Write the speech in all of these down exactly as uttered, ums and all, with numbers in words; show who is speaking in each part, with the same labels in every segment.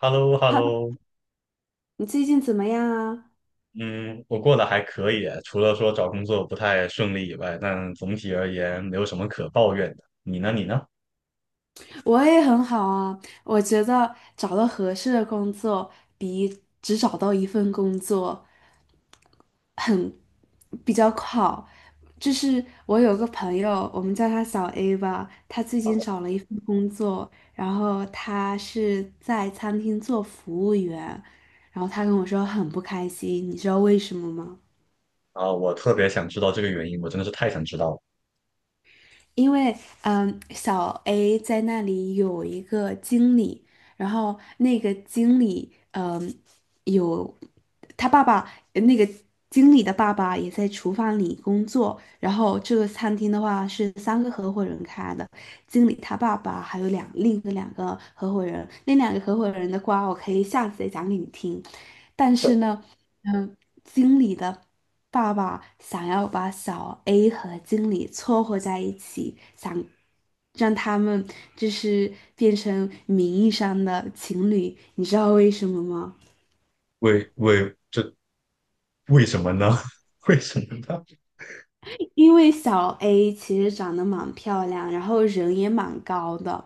Speaker 1: h e l l o h e l l
Speaker 2: 哈，
Speaker 1: o。
Speaker 2: 喽，你最近怎么样啊？
Speaker 1: 嗯，我过得还可以，除了说找工作不太顺利以外，但总体而言没有什么可抱怨的。你呢？你呢？
Speaker 2: 我也很好啊，我觉得找到合适的工作比只找到一份工作比较好。就是我有个朋友，我们叫他小 A 吧，他最近找了一份工作，然后他是在餐厅做服务员，然后他跟我说很不开心，你知道为什么吗？
Speaker 1: 啊，我特别想知道这个原因，我真的是太想知道了。
Speaker 2: 因为嗯，小 A 在那里有一个经理，然后那个经理嗯有他爸爸，那个经理的爸爸也在厨房里工作，然后这个餐厅的话是三个合伙人开的，经理他爸爸还有两另一个两个合伙人，那两个合伙人的瓜我可以下次再讲给你听，但是呢。嗯。经理的爸爸想要把小 A 和经理撮合在一起，想让他们就是变成名义上的情侣，你知道为什么吗？
Speaker 1: 为为这为什么呢？为什么呢？
Speaker 2: 因为小 A 其实长得蛮漂亮，然后人也蛮高的，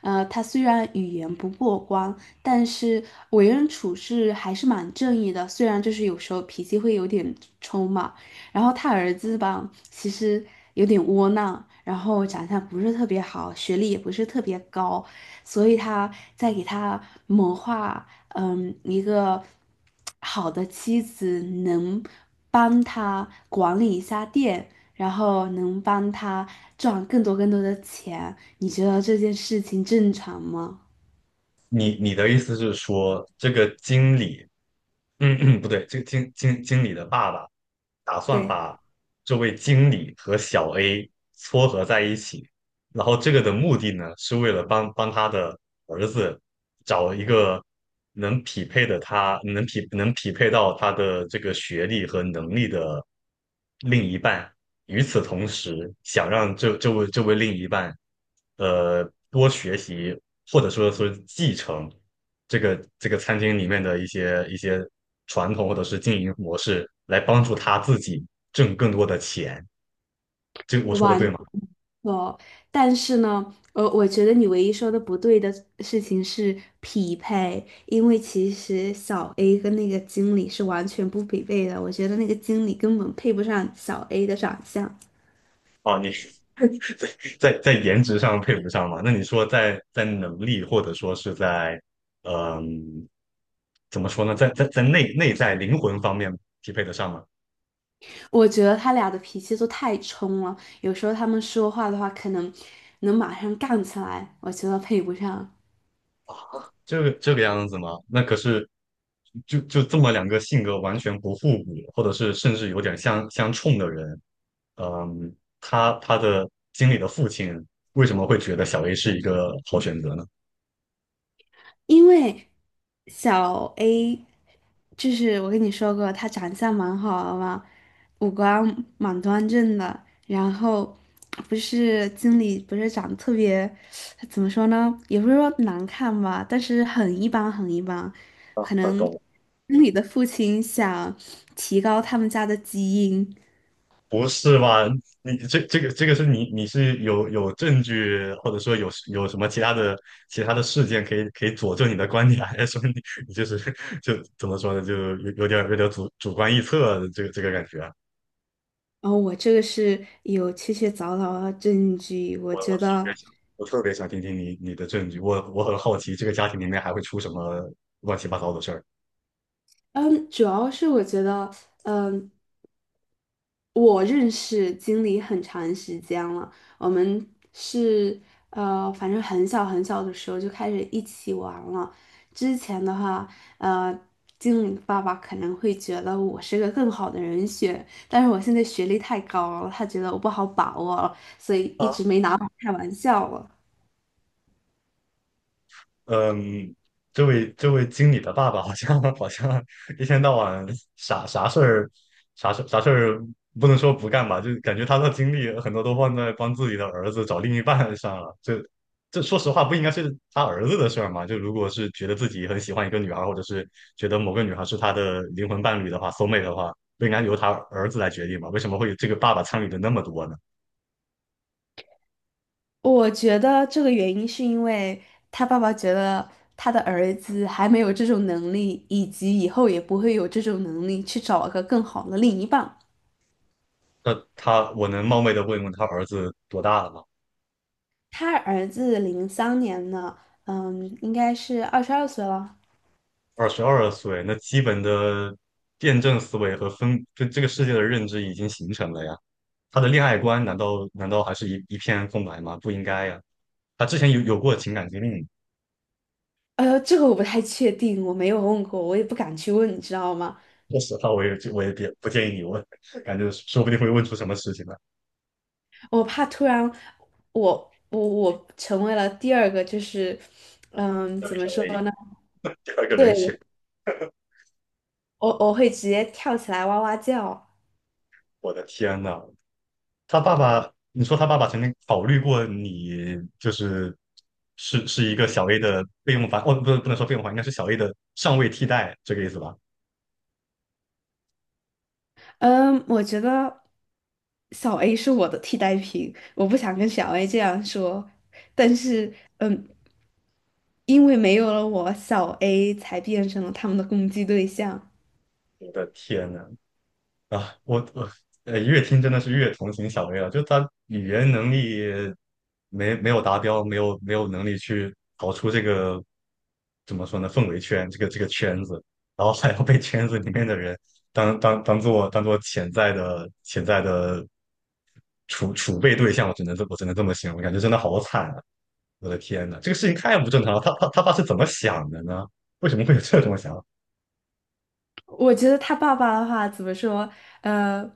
Speaker 2: 呃，她虽然语言不过关，但是为人处事还是蛮正义的，虽然就是有时候脾气会有点冲嘛。然后他儿子吧，其实有点窝囊，然后长相不是特别好，学历也不是特别高，所以他在给他谋划，嗯，一个好的妻子能帮他管理一下店，然后能帮他赚更多更多的钱。你觉得这件事情正常吗？
Speaker 1: 你你的意思是说，这个经理嗯嗯，不对，这个经经经理的爸爸打算
Speaker 2: 对，
Speaker 1: 把这位经理和小 A 撮合在一起，然后这个的目的呢，是为了帮帮他的儿子找一个能匹配的他，能匹能匹配到他的这个学历和能力的另一半。与此同时，想让这这位这位另一半，呃，多学习或者说是继承。这个这个餐厅里面的一些一些传统或者是经营模式，来帮助他自己挣更多的钱。这我说的
Speaker 2: 完
Speaker 1: 对吗？
Speaker 2: 错。但是呢，呃，我觉得你唯一说的不对的事情是匹配，因为其实小 A 跟那个经理是完全不匹配的。我觉得那个经理根本配不上小 A 的长相。
Speaker 1: 哦，你 在在颜值上配不上嘛？那你说在在能力或者说是在嗯，怎么说呢？在在在内内在灵魂方面匹配得上吗？
Speaker 2: 我觉得他俩的脾气都太冲了，有时候他们说话的话，可能能马上杠起来，我觉得配不上。
Speaker 1: 这个这个样子吗？那可是就就这么两个性格完全不互补，或者是甚至有点相相冲的人，嗯，他他的经理的父亲为什么会觉得小 A 是一个好选择呢？
Speaker 2: 因为小 A，就是我跟你说过，他长相蛮好的嘛，五官蛮端正的，然后不是经理不是长得特别，怎么说呢，也不是说难看吧，但是很一般很一般，
Speaker 1: 啊，
Speaker 2: 可
Speaker 1: 啊
Speaker 2: 能
Speaker 1: 懂了。
Speaker 2: 经理的父亲想提高他们家的基因。
Speaker 1: 不是吧？你这这个这个是你你是有有证据，或者说有有什么其他的其他的事件可以可以佐证你的观点，还是说你你就是 就怎么说呢？就有有点有点主主观臆测的这个这个感觉。
Speaker 2: 哦，我这个是有确切凿凿的证据。我
Speaker 1: 我我
Speaker 2: 觉
Speaker 1: 特
Speaker 2: 得，
Speaker 1: 别想，我特别想听听你你的证据。我我很好奇，这个家庭里面还会出什么乱七八糟的事儿。
Speaker 2: 嗯，主要是我觉得，嗯，我认识经理很长时间了，我们是呃，反正很小很小的时候就开始一起玩了。之前的话，呃，经理爸爸可能会觉得我是个更好的人选，但是我现在学历太高了，他觉得我不好把握了所以一直没拿我开玩笑了。
Speaker 1: 嗯，这位这位经理的爸爸好像 好像一天到晚啥啥事儿，啥事啥事儿不能说不干吧，就感觉他的精力很多都放在帮自己的儿子找另一半上了。这这说实话不应该是他儿子的事儿嘛？就如果是觉得自己很喜欢一个女孩儿，或者是觉得某个女孩是他的灵魂伴侣的话，soul mate 的话，不应该由他儿子来决定吗？为什么会这个爸爸参与的那么多呢？
Speaker 2: 我觉得这个原因是因为他爸爸觉得他的儿子还没有这种能力，以及以后也不会有这种能力去找个更好的另一半。
Speaker 1: 那他我能冒昧的问问他儿子多大了吗？
Speaker 2: 他儿子零三年呢，嗯，应该是二十二岁了。
Speaker 1: 二十二岁，那基本的辩证思维和分对这个世界的认知已经形成了呀。他的恋爱观难道难道还是一一片空白吗？不应该呀。他之前有有过情感经历，
Speaker 2: 哎呦，这个我不太确定，我没有问过，我也不敢去问，你知道吗？
Speaker 1: 说实话，我也我也别不建议你问，感觉说不定会问出什么事情来，
Speaker 2: 我怕突然我我我成为了第二个，就是嗯，
Speaker 1: 要
Speaker 2: 怎么
Speaker 1: 成
Speaker 2: 说
Speaker 1: 为
Speaker 2: 呢？
Speaker 1: 第二个人
Speaker 2: 对，
Speaker 1: 选。
Speaker 2: 我我会直接跳起来哇哇叫。
Speaker 1: 我的天呐，他爸爸，你说他爸爸曾经考虑过你，就是是是一个小 A 的备用房，哦，不是不能说备用房，应该是小 A 的上位替代，这个意思吧？
Speaker 2: 嗯，我觉得小 A 是我的替代品，我不想跟小 A 这样说，但是，嗯，因为没有了我，小 A 才变成了他们的攻击对象。
Speaker 1: 我的天呐，啊，我我呃，越听真的是越同情小薇了。就她语言能力没没有达标，没有没有能力去逃出这个怎么说呢氛围圈，这个这个圈子，然后还要被圈子里面的人当当当做当做潜在的潜在的储储备对象，我只能这我只能这么形容，感觉真的好惨啊！我的天呐，这个事情太不正常了。他他他爸是怎么想的呢？为什么会有这种想法？
Speaker 2: 我觉得他爸爸的话怎么说？呃，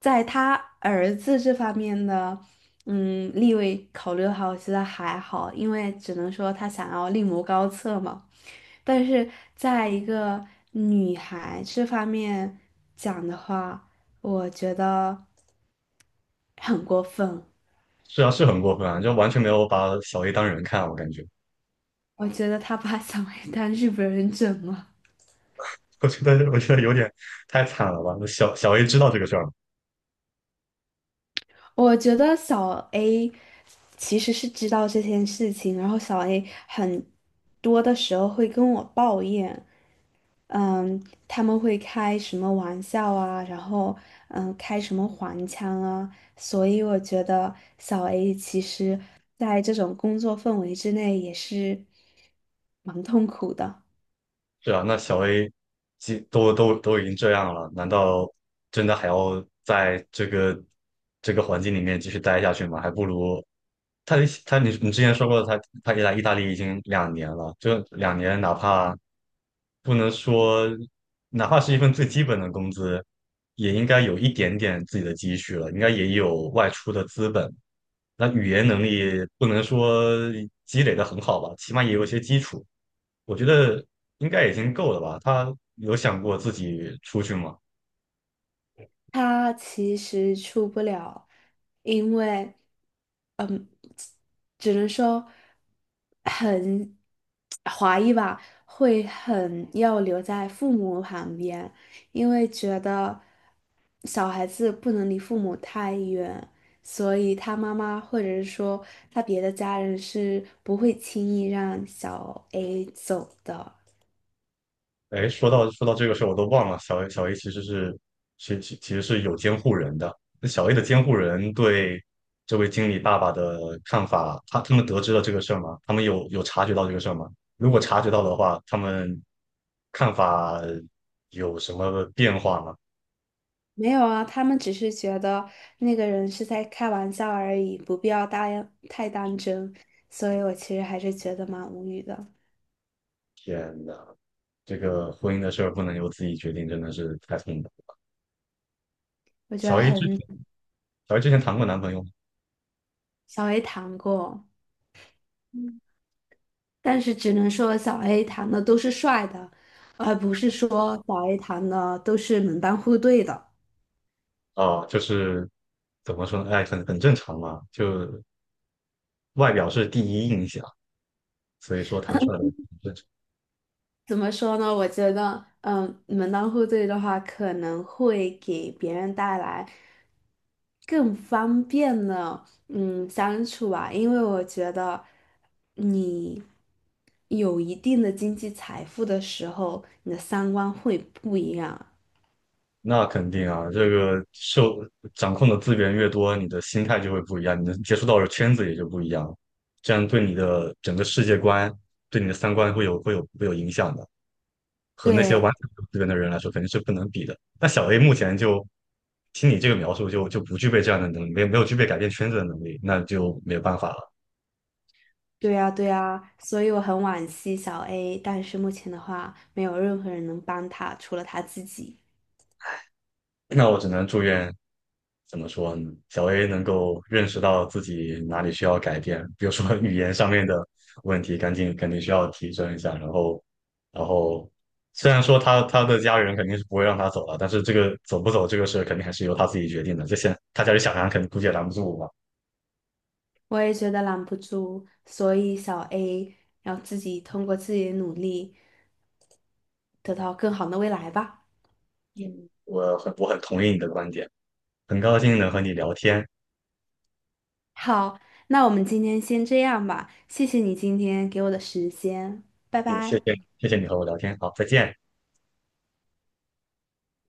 Speaker 2: 在他儿子这方面的，嗯，立位考虑的话，我觉得还好，因为只能说他想要另谋高策嘛。但是在一个女孩这方面讲的话，我觉得很过分。
Speaker 1: 是啊，是很过分啊，就完全没有把小 A 当人看，我感觉。
Speaker 2: 我觉得他把小 A 当日本人整了。
Speaker 1: 我觉得我觉得有点太惨了吧？那小小 A 知道这个事儿吗？
Speaker 2: 我觉得小 A 其实是知道这件事情，然后小 A 很多的时候会跟我抱怨，嗯，他们会开什么玩笑啊，然后嗯，开什么黄腔啊，所以我觉得小 A 其实在这种工作氛围之内也是蛮痛苦的。
Speaker 1: 是啊，那小 A 既都都都已经这样了，难道真的还要在这个这个环境里面继续待下去吗？还不如他他你你之前说过他他来意大利已经两年了，这两年哪怕不能说哪怕是一份最基本的工资，也应该有一点点自己的积蓄了，应该也有外出的资本。那语言能力不能说积累的很好吧，起码也有一些基础。我觉得应该已经够了吧？他有想过自己出去吗？
Speaker 2: 他其实出不了，因为。只能说很怀疑吧，会很要留在父母旁边，因为觉得小孩子不能离父母太远，所以他妈妈或者是说他别的家人是不会轻易让小 A 走的。
Speaker 1: 哎，说到说到这个事儿，我都忘了，小 A 小 A 其实是其其其实是有监护人的。那小 A 的监护人对这位经理爸爸的看法，他他们得知了这个事儿吗？他们有有察觉到这个事儿吗？如果察觉到的话，他们看法有什么变化吗？
Speaker 2: 没有啊，他们只是觉得那个人是在开玩笑而已，不必要大太当真，所以我其实还是觉得蛮无语的。
Speaker 1: 天呐，这个婚姻的事儿不能由自己决定，真的是太痛苦了。
Speaker 2: 我觉得
Speaker 1: 小 A
Speaker 2: 很
Speaker 1: 之前小 A 之前谈过男朋友吗？
Speaker 2: 小 A 谈过，但是只能说小 A 谈的都是帅的，而不是说小 A 谈的都是门当户对的。
Speaker 1: 啊，就是怎么说呢？哎，很很正常嘛，就外表是第一印象，所以说谈出来很正常。
Speaker 2: 怎么说呢？我觉得，嗯，门当户对的话，可能会给别人带来更方便的，嗯，相处吧。因为我觉得你有一定的经济财富的时候，你的三观会不一样。
Speaker 1: 那肯定啊，这个受掌控的资源越多，你的心态就会不一样，你能接触到的圈子也就不一样，这样对你的整个世界观、对你的三观会有会有会有影响的。和那些完
Speaker 2: 对，
Speaker 1: 全没有资源的人来说，肯定是不能比的。那小 A 目前就听你这个描述就，就不具备这样的能力，没有没有具备改变圈子的能力，那就没有办法了。
Speaker 2: 对呀，对呀，所以我很惋惜小 A，但是目前的话，没有任何人能帮他，除了他自己。
Speaker 1: 那我只能祝愿，怎么说呢？小 A 能够认识到自己哪里需要改变，比如说 语言上面的问题，赶紧肯定需要提升一下。然后，然后虽然说他他的家人肯定是不会让他走了，但是这个走不走这个事肯定还是由他自己决定的。这些他家里想拦，肯定估计也拦不住我吧。
Speaker 2: 我也觉得拦不住，所以小 A 要自己通过自己的努力，得到更好的未来吧。
Speaker 1: 嗯，我很我很同意你的观点，很高兴能和你聊天。
Speaker 2: 好，那我们今天先这样吧，谢谢你今天给我的时间，拜
Speaker 1: 嗯，谢
Speaker 2: 拜。
Speaker 1: 谢。谢谢你和我聊天，好，再见。